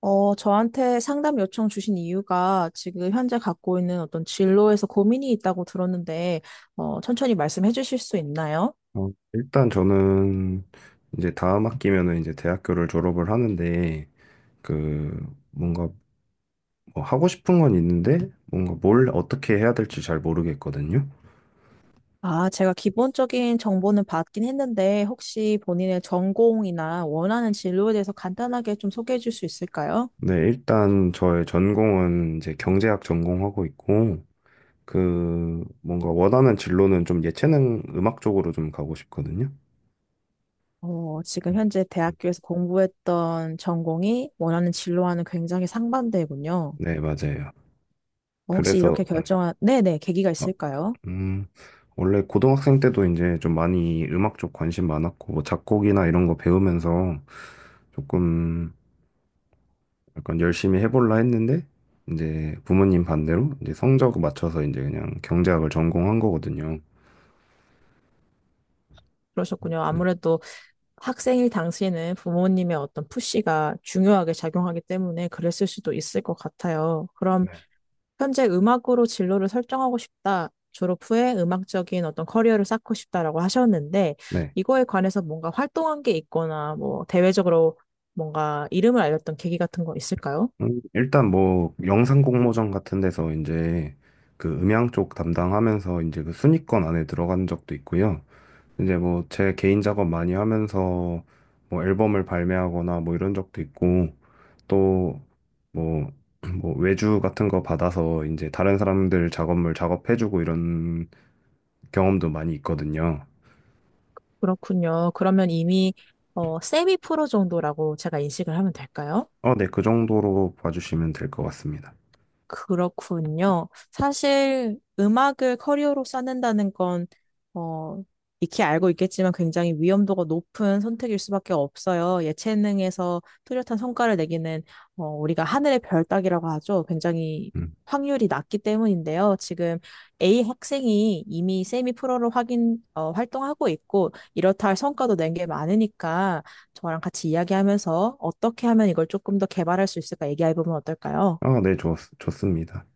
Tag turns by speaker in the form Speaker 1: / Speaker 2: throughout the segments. Speaker 1: 저한테 상담 요청 주신 이유가 지금 현재 갖고 있는 어떤 진로에서 고민이 있다고 들었는데, 천천히 말씀해 주실 수 있나요?
Speaker 2: 일단 저는 이제 다음 학기면은 이제 대학교를 졸업을 하는데 그 뭔가 뭐 하고 싶은 건 있는데 뭔가 뭘 어떻게 해야 될지 잘 모르겠거든요.
Speaker 1: 아, 제가 기본적인 정보는 받긴 했는데, 혹시 본인의 전공이나 원하는 진로에 대해서 간단하게 좀 소개해 줄 수 있을까요?
Speaker 2: 네, 일단 저의 전공은 이제 경제학 전공하고 있고 그 뭔가 원하는 진로는 좀 예체능 음악 쪽으로 좀 가고 싶거든요.
Speaker 1: 지금
Speaker 2: 음,
Speaker 1: 현재
Speaker 2: 음.
Speaker 1: 대학교에서 공부했던 전공이 원하는 진로와는 굉장히 상반되군요.
Speaker 2: 네, 맞아요.
Speaker 1: 혹시
Speaker 2: 그래서
Speaker 1: 이렇게
Speaker 2: 네.
Speaker 1: 결정한, 네네, 계기가
Speaker 2: 어,
Speaker 1: 있을까요?
Speaker 2: 음, 원래 고등학생 때도 이제 좀 많이 음악 쪽 관심 많았고, 뭐 작곡이나 이런 거 배우면서 조금 약간 열심히 해볼라 했는데, 이제 부모님 반대로 이제 성적 맞춰서 이제 그냥 경제학을 전공한 거거든요.
Speaker 1: 그러셨군요.
Speaker 2: 음,
Speaker 1: 아무래도 학생일 당시에는 부모님의 어떤 푸시가 중요하게 작용하기 때문에 그랬을 수도 있을 것 같아요. 그럼
Speaker 2: 네.
Speaker 1: 현재 음악으로 진로를 설정하고 싶다. 졸업 후에 음악적인 어떤 커리어를 쌓고 싶다라고 하셨는데,
Speaker 2: 네.
Speaker 1: 이거에 관해서 뭔가 활동한 게 있거나, 뭐, 대외적으로 뭔가 이름을 알렸던 계기 같은 거 있을까요?
Speaker 2: 일단 뭐 영상 공모전 같은 데서 이제 그 음향 쪽 담당하면서 이제 그 순위권 안에 들어간 적도 있고요. 이제 뭐 제 개인 작업 많이 하면서 뭐 앨범을 발매하거나 뭐 이런 적도 있고, 또 뭐, 뭐 외주 같은 거 받아서 이제 다른 사람들 작업물 작업해주고 이런 경험도 많이 있거든요.
Speaker 1: 그렇군요. 그러면 이미 세미 프로 정도라고 제가 인식을 하면 될까요?
Speaker 2: 어, 네, 그 정도로 봐주시면 될 것 같습니다.
Speaker 1: 그렇군요. 사실 음악을 커리어로 쌓는다는 건, 어, 익히 알고 있겠지만 굉장히 위험도가 높은 선택일 수밖에 없어요. 예체능에서 뚜렷한 성과를 내기는, 우리가 하늘의 별 따기라고 하죠. 굉장히
Speaker 2: 음.
Speaker 1: 확률이 낮기 때문인데요. 지금 A 학생이 이미 세미 프로로 활동하고 있고, 이렇다 할 성과도 낸 게 많으니까 저랑 같이 이야기하면서 어떻게 하면 이걸 조금 더 개발할 수 있을까 얘기해 보면 어떨까요?
Speaker 2: 아, 네, 좋습니다.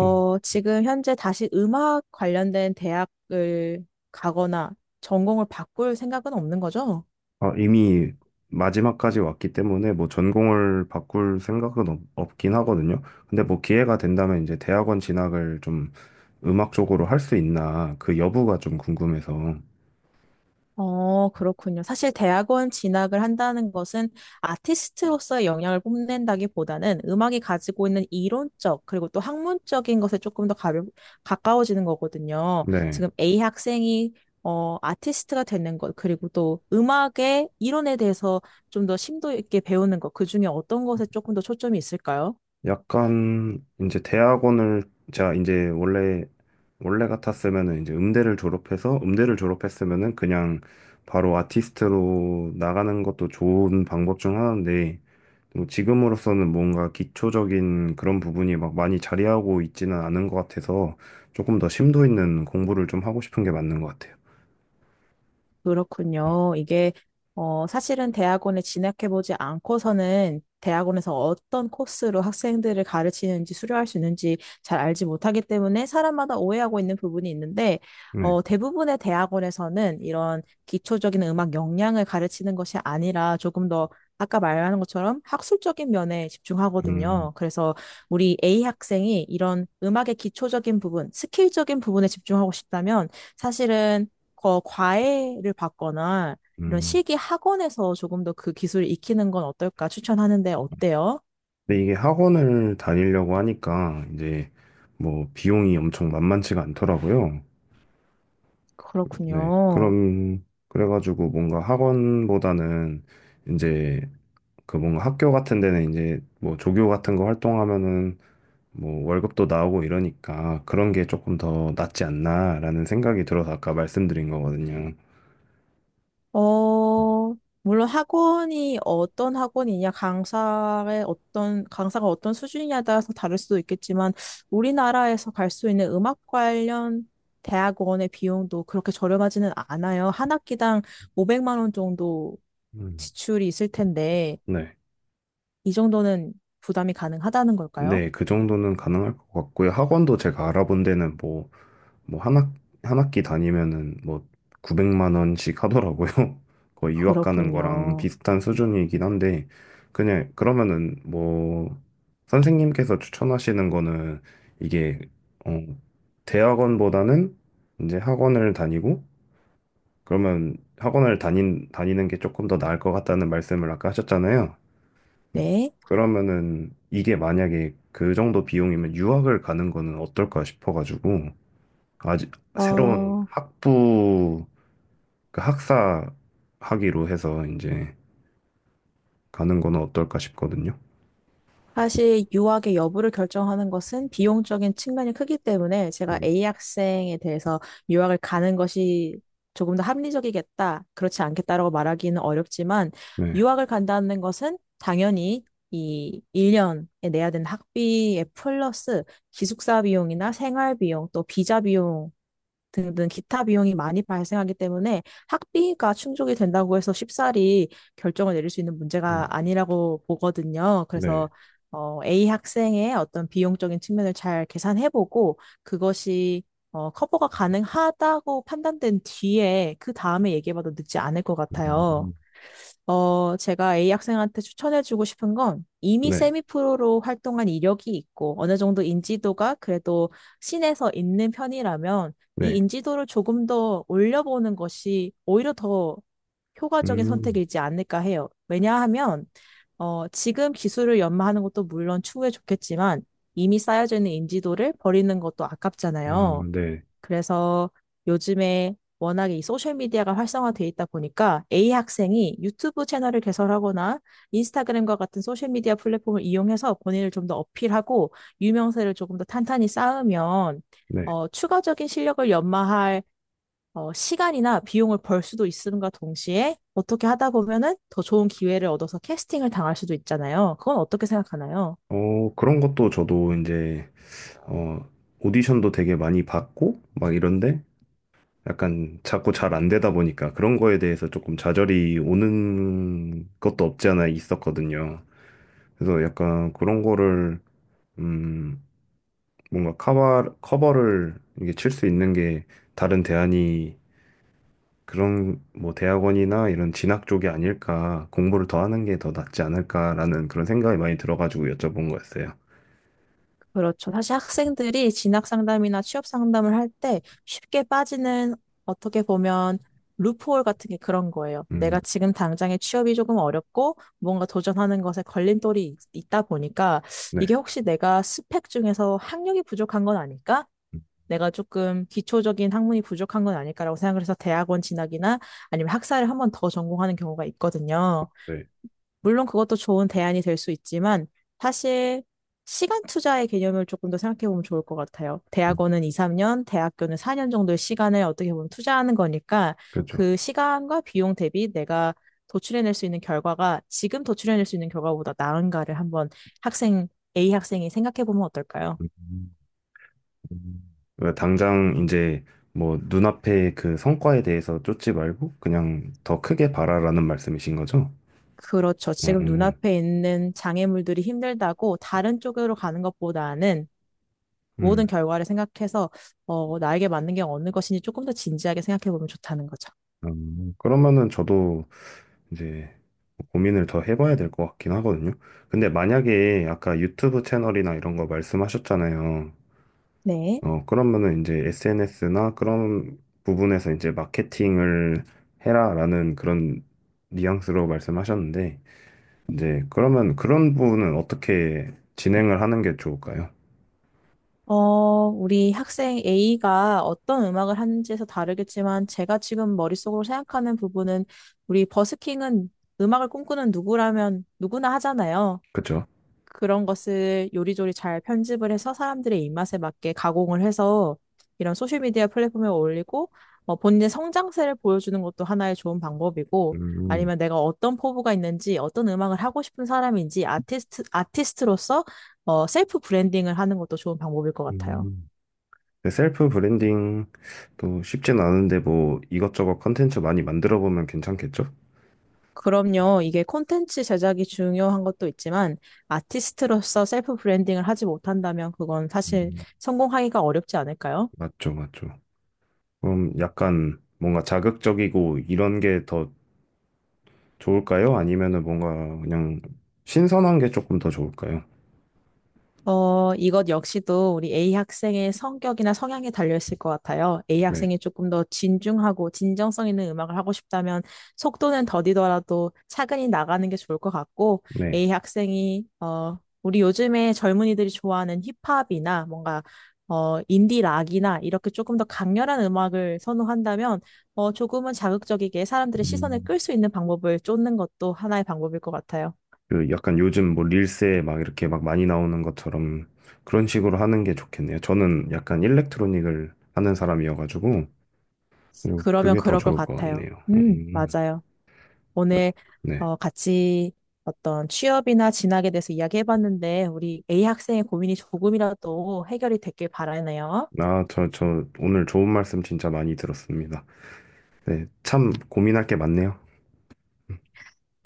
Speaker 2: 음.
Speaker 1: 지금 현재 다시 음악 관련된 대학을 가거나 전공을 바꿀 생각은 없는 거죠?
Speaker 2: 아, 이미 마지막까지 왔기 때문에 뭐 전공을 바꿀 생각은 없긴 하거든요. 근데 뭐 기회가 된다면 이제 대학원 진학을 좀 음악 쪽으로 할 수 있나 그 여부가 좀 궁금해서.
Speaker 1: 그렇군요. 사실 대학원 진학을 한다는 것은 아티스트로서의 영향을 뽐낸다기보다는 음악이 가지고 있는 이론적 그리고 또 학문적인 것에 조금 더 가까워지는 거거든요.
Speaker 2: 네.
Speaker 1: 지금 A 학생이 아티스트가 되는 것, 그리고 또 음악의 이론에 대해서 좀 더 심도 있게 배우는 것, 그 중에 어떤 것에 조금 더 초점이 있을까요?
Speaker 2: 약간 이제 대학원을 제가 이제 원래 원래 같았으면은 이제 음대를 졸업해서 음대를 졸업했으면은 그냥 바로 아티스트로 나가는 것도 좋은 방법 중 하나인데 뭐 지금으로서는 뭔가 기초적인 그런 부분이 막 많이 자리하고 있지는 않은 것 같아서 조금 더 심도 있는 공부를 좀 하고 싶은 게 맞는 것 같아요.
Speaker 1: 그렇군요. 이게, 사실은 대학원에 진학해보지 않고서는 대학원에서 어떤 코스로 학생들을 가르치는지 수료할 수 있는지 잘 알지 못하기 때문에 사람마다 오해하고 있는 부분이 있는데,
Speaker 2: 네.
Speaker 1: 대부분의 대학원에서는 이런 기초적인 음악 역량을 가르치는 것이 아니라 조금 더 아까 말하는 것처럼 학술적인 면에
Speaker 2: 음,
Speaker 1: 집중하거든요. 그래서 우리 A 학생이 이런 음악의 기초적인 부분, 스킬적인 부분에 집중하고 싶다면 사실은 거 과외를 받거나 이런
Speaker 2: 음.
Speaker 1: 실기 학원에서 조금 더 그 기술을 익히는 건 어떨까 추천하는데 어때요?
Speaker 2: 근데 이게 학원을 다니려고 하니까 이제 뭐 비용이 엄청 만만치가 않더라고요. 네.
Speaker 1: 그렇군요.
Speaker 2: 그럼, 그래가지고 뭔가 학원보다는 이제 뭔가 학교 같은 데는 이제 뭐 조교 같은 거 활동하면은 뭐 월급도 나오고 이러니까 그런 게 조금 더 낫지 않나라는 생각이 들어서 아까 말씀드린 거거든요.
Speaker 1: 어, 물론 학원이 어떤 학원이냐, 강사의 어떤, 강사가 어떤 수준이냐에 따라서 다를 수도 있겠지만, 우리나라에서 갈 수 있는 음악 관련 대학원의 비용도 그렇게 저렴하지는 않아요. 한 학기당 500만 원 정도
Speaker 2: 음.
Speaker 1: 지출이 있을 텐데,
Speaker 2: 네.
Speaker 1: 이 정도는 부담이 가능하다는 걸까요?
Speaker 2: 네. 그 정도는 가능할 것 같고요. 학원도 제가 알아본 데는 뭐 뭐 한 학, 한 학기 다니면은 뭐 900만 원씩 하더라고요. 거의 유학 가는 거랑
Speaker 1: 그렇군요.
Speaker 2: 비슷한 수준이긴 한데 그냥 그러면은 뭐 선생님께서 추천하시는 거는 이게 어 대학원보다는 이제 학원을 다니고 그러면 학원을 다닌 다니는 게 조금 더 나을 것 같다는 말씀을 아까 하셨잖아요.
Speaker 1: 네.
Speaker 2: 그러면은 이게 만약에 그 정도 비용이면 유학을 가는 거는 어떨까 싶어가지고 아직 새로운
Speaker 1: 어,
Speaker 2: 학부 그 학사 학위로 해서 이제 가는 건 어떨까 싶거든요.
Speaker 1: 사실 유학의 여부를 결정하는 것은 비용적인 측면이 크기 때문에 제가
Speaker 2: 음,
Speaker 1: A 학생에 대해서 유학을 가는 것이 조금 더 합리적이겠다, 그렇지 않겠다라고 말하기는 어렵지만
Speaker 2: 네,
Speaker 1: 유학을 간다는 것은 당연히 이 1년에 내야 되는 학비에 플러스 기숙사 비용이나 생활 비용, 또 비자 비용 등등 기타 비용이 많이 발생하기 때문에 학비가 충족이 된다고 해서 쉽사리 결정을 내릴 수 있는
Speaker 2: 음,
Speaker 1: 문제가 아니라고 보거든요.
Speaker 2: 네,
Speaker 1: 그래서 A 학생의 어떤 비용적인 측면을 잘 계산해보고 그것이 커버가 가능하다고 판단된 뒤에 그 다음에 얘기해봐도 늦지 않을 것 같아요.
Speaker 2: 음,
Speaker 1: 제가 A 학생한테 추천해주고 싶은 건 이미
Speaker 2: 네,
Speaker 1: 세미 프로로 활동한 이력이 있고 어느 정도 인지도가 그래도 신에서 있는 편이라면 이
Speaker 2: 네,
Speaker 1: 인지도를 조금 더 올려보는 것이 오히려 더 효과적인
Speaker 2: 음,
Speaker 1: 선택이지 않을까 해요. 왜냐하면 지금 기술을 연마하는 것도 물론 추후에 좋겠지만 이미 쌓여져 있는 인지도를 버리는 것도
Speaker 2: 아,
Speaker 1: 아깝잖아요.
Speaker 2: 네,
Speaker 1: 그래서 요즘에 워낙에 이 소셜미디어가 활성화돼 있다 보니까 A 학생이 유튜브 채널을 개설하거나 인스타그램과 같은 소셜미디어 플랫폼을 이용해서 본인을 좀 더 어필하고 유명세를 조금 더 탄탄히 쌓으면
Speaker 2: 네.
Speaker 1: 추가적인 실력을 연마할 시간이나 비용을 벌 수도 있음과 동시에 어떻게 하다 보면은 더 좋은 기회를 얻어서 캐스팅을 당할 수도 있잖아요. 그건 어떻게 생각하나요?
Speaker 2: 그런 것도 저도 이제 어 오디션도 되게 많이 받고 막 이런데 약간 자꾸 잘 안 되다 보니까 그런 거에 대해서 조금 좌절이 오는 것도 없지 않아 있었거든요. 그래서 약간 그런 거를 음... 뭔가 커버를 이게 칠 수 있는 게 다른 대안이 그런 뭐 대학원이나 이런 진학 쪽이 아닐까, 공부를 더 하는 게 더 낫지 않을까라는 그런 생각이 많이 들어가지고 여쭤본 거였어요.
Speaker 1: 그렇죠. 사실 학생들이 진학 상담이나 취업 상담을 할 때 쉽게 빠지는 어떻게 보면 루프홀 같은 게 그런 거예요. 내가
Speaker 2: 음,
Speaker 1: 지금 당장의 취업이 조금 어렵고 뭔가 도전하는 것에 걸림돌이 있다 보니까 이게
Speaker 2: 네,
Speaker 1: 혹시 내가 스펙 중에서 학력이 부족한 건 아닐까? 내가 조금 기초적인 학문이 부족한 건 아닐까라고 생각을 해서 대학원 진학이나 아니면 학사를 한번 더 전공하는 경우가 있거든요.
Speaker 2: 네,
Speaker 1: 물론 그것도 좋은 대안이 될 수 있지만 사실 시간 투자의 개념을 조금 더 생각해 보면 좋을 것 같아요.
Speaker 2: 음,
Speaker 1: 대학원은 2, 3년, 대학교는 4년 정도의 시간을 어떻게 보면 투자하는 거니까
Speaker 2: 그렇죠.
Speaker 1: 그 시간과 비용 대비 내가 도출해낼 수 있는 결과가 지금 도출해낼 수 있는 결과보다 나은가를 한번 학생, A 학생이 생각해 보면 어떨까요?
Speaker 2: 음, 음. 그러니까 당장 이제 뭐 눈앞에 그 성과에 대해서 쫓지 말고 그냥 더 크게 바라라는 말씀이신 거죠?
Speaker 1: 그렇죠. 지금
Speaker 2: 음,
Speaker 1: 눈앞에 있는 장애물들이 힘들다고 다른 쪽으로 가는 것보다는 모든
Speaker 2: 음.
Speaker 1: 결과를 생각해서 나에게 맞는 게 어느 것인지 조금 더 진지하게 생각해 보면 좋다는 거죠.
Speaker 2: 음. 그러면은 저도 이제 고민을 더 해봐야 될 것 같긴 하거든요. 근데 만약에 아까 유튜브 채널이나 이런 거 말씀하셨잖아요.
Speaker 1: 네.
Speaker 2: 어, 그러면은 이제 SNS나 그런 부분에서 이제 마케팅을 해라라는 그런 뉘앙스로 말씀하셨는데, 이제 그러면 그런 부분은 어떻게 진행을 하는 게 좋을까요?
Speaker 1: 어, 우리 학생 A가 어떤 음악을 하는지에서 다르겠지만 제가 지금 머릿속으로 생각하는 부분은 우리 버스킹은 음악을 꿈꾸는 누구라면 누구나 하잖아요.
Speaker 2: 그쵸?
Speaker 1: 그런 것을 요리조리 잘 편집을 해서 사람들의 입맛에 맞게 가공을 해서 이런 소셜미디어 플랫폼에 올리고 본인의 성장세를 보여주는 것도 하나의 좋은 방법이고
Speaker 2: 음,
Speaker 1: 아니면 내가 어떤 포부가 있는지 어떤 음악을 하고 싶은 사람인지 아티스트로서 셀프 브랜딩을 하는 것도 좋은 방법일 것 같아요.
Speaker 2: 음. 근데 셀프 브랜딩도 쉽진 않은데 뭐 이것저것 컨텐츠 많이 만들어 보면 괜찮겠죠?
Speaker 1: 그럼요. 이게 콘텐츠 제작이 중요한 것도 있지만 아티스트로서 셀프 브랜딩을 하지 못한다면 그건 사실
Speaker 2: 음,
Speaker 1: 성공하기가 어렵지 않을까요?
Speaker 2: 맞죠, 맞죠. 그럼 약간 뭔가 자극적이고 이런 게 더 좋을까요? 아니면은 뭔가 그냥 신선한 게 조금 더 좋을까요?
Speaker 1: 이것 역시도 우리 A 학생의 성격이나 성향에 달려있을 것 같아요. A
Speaker 2: 네,
Speaker 1: 학생이 조금 더 진중하고 진정성 있는 음악을 하고 싶다면 속도는 더디더라도 차근히 나가는 게 좋을 것 같고,
Speaker 2: 네.
Speaker 1: A 학생이, 우리 요즘에 젊은이들이 좋아하는 힙합이나 뭔가, 인디 락이나 이렇게 조금 더 강렬한 음악을 선호한다면, 조금은 자극적이게 사람들의 시선을
Speaker 2: 음,
Speaker 1: 끌 수 있는 방법을 쫓는 것도 하나의 방법일 것 같아요.
Speaker 2: 그 약간 요즘 뭐 릴스에 막 이렇게 막 많이 나오는 것처럼 그런 식으로 하는 게 좋겠네요. 저는 약간 일렉트로닉을 하는 사람이어가지고 그리고
Speaker 1: 그러면
Speaker 2: 그게 더
Speaker 1: 그럴 것
Speaker 2: 좋을 것
Speaker 1: 같아요.
Speaker 2: 같네요.
Speaker 1: 맞아요.
Speaker 2: 아,
Speaker 1: 오늘
Speaker 2: 네.
Speaker 1: 같이 어떤 취업이나 진학에 대해서 이야기해봤는데 우리 A 학생의 고민이 조금이라도 해결이 됐길 바라네요.
Speaker 2: 저 오늘 좋은 말씀 진짜 많이 들었습니다. 네, 참 고민할 게 많네요.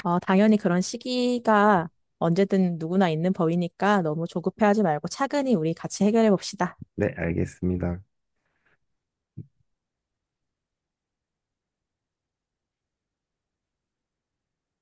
Speaker 1: 당연히 그런 시기가 언제든 누구나 있는 법이니까 너무 조급해하지 말고 차근히 우리 같이 해결해 봅시다.
Speaker 2: 네, 알겠습니다.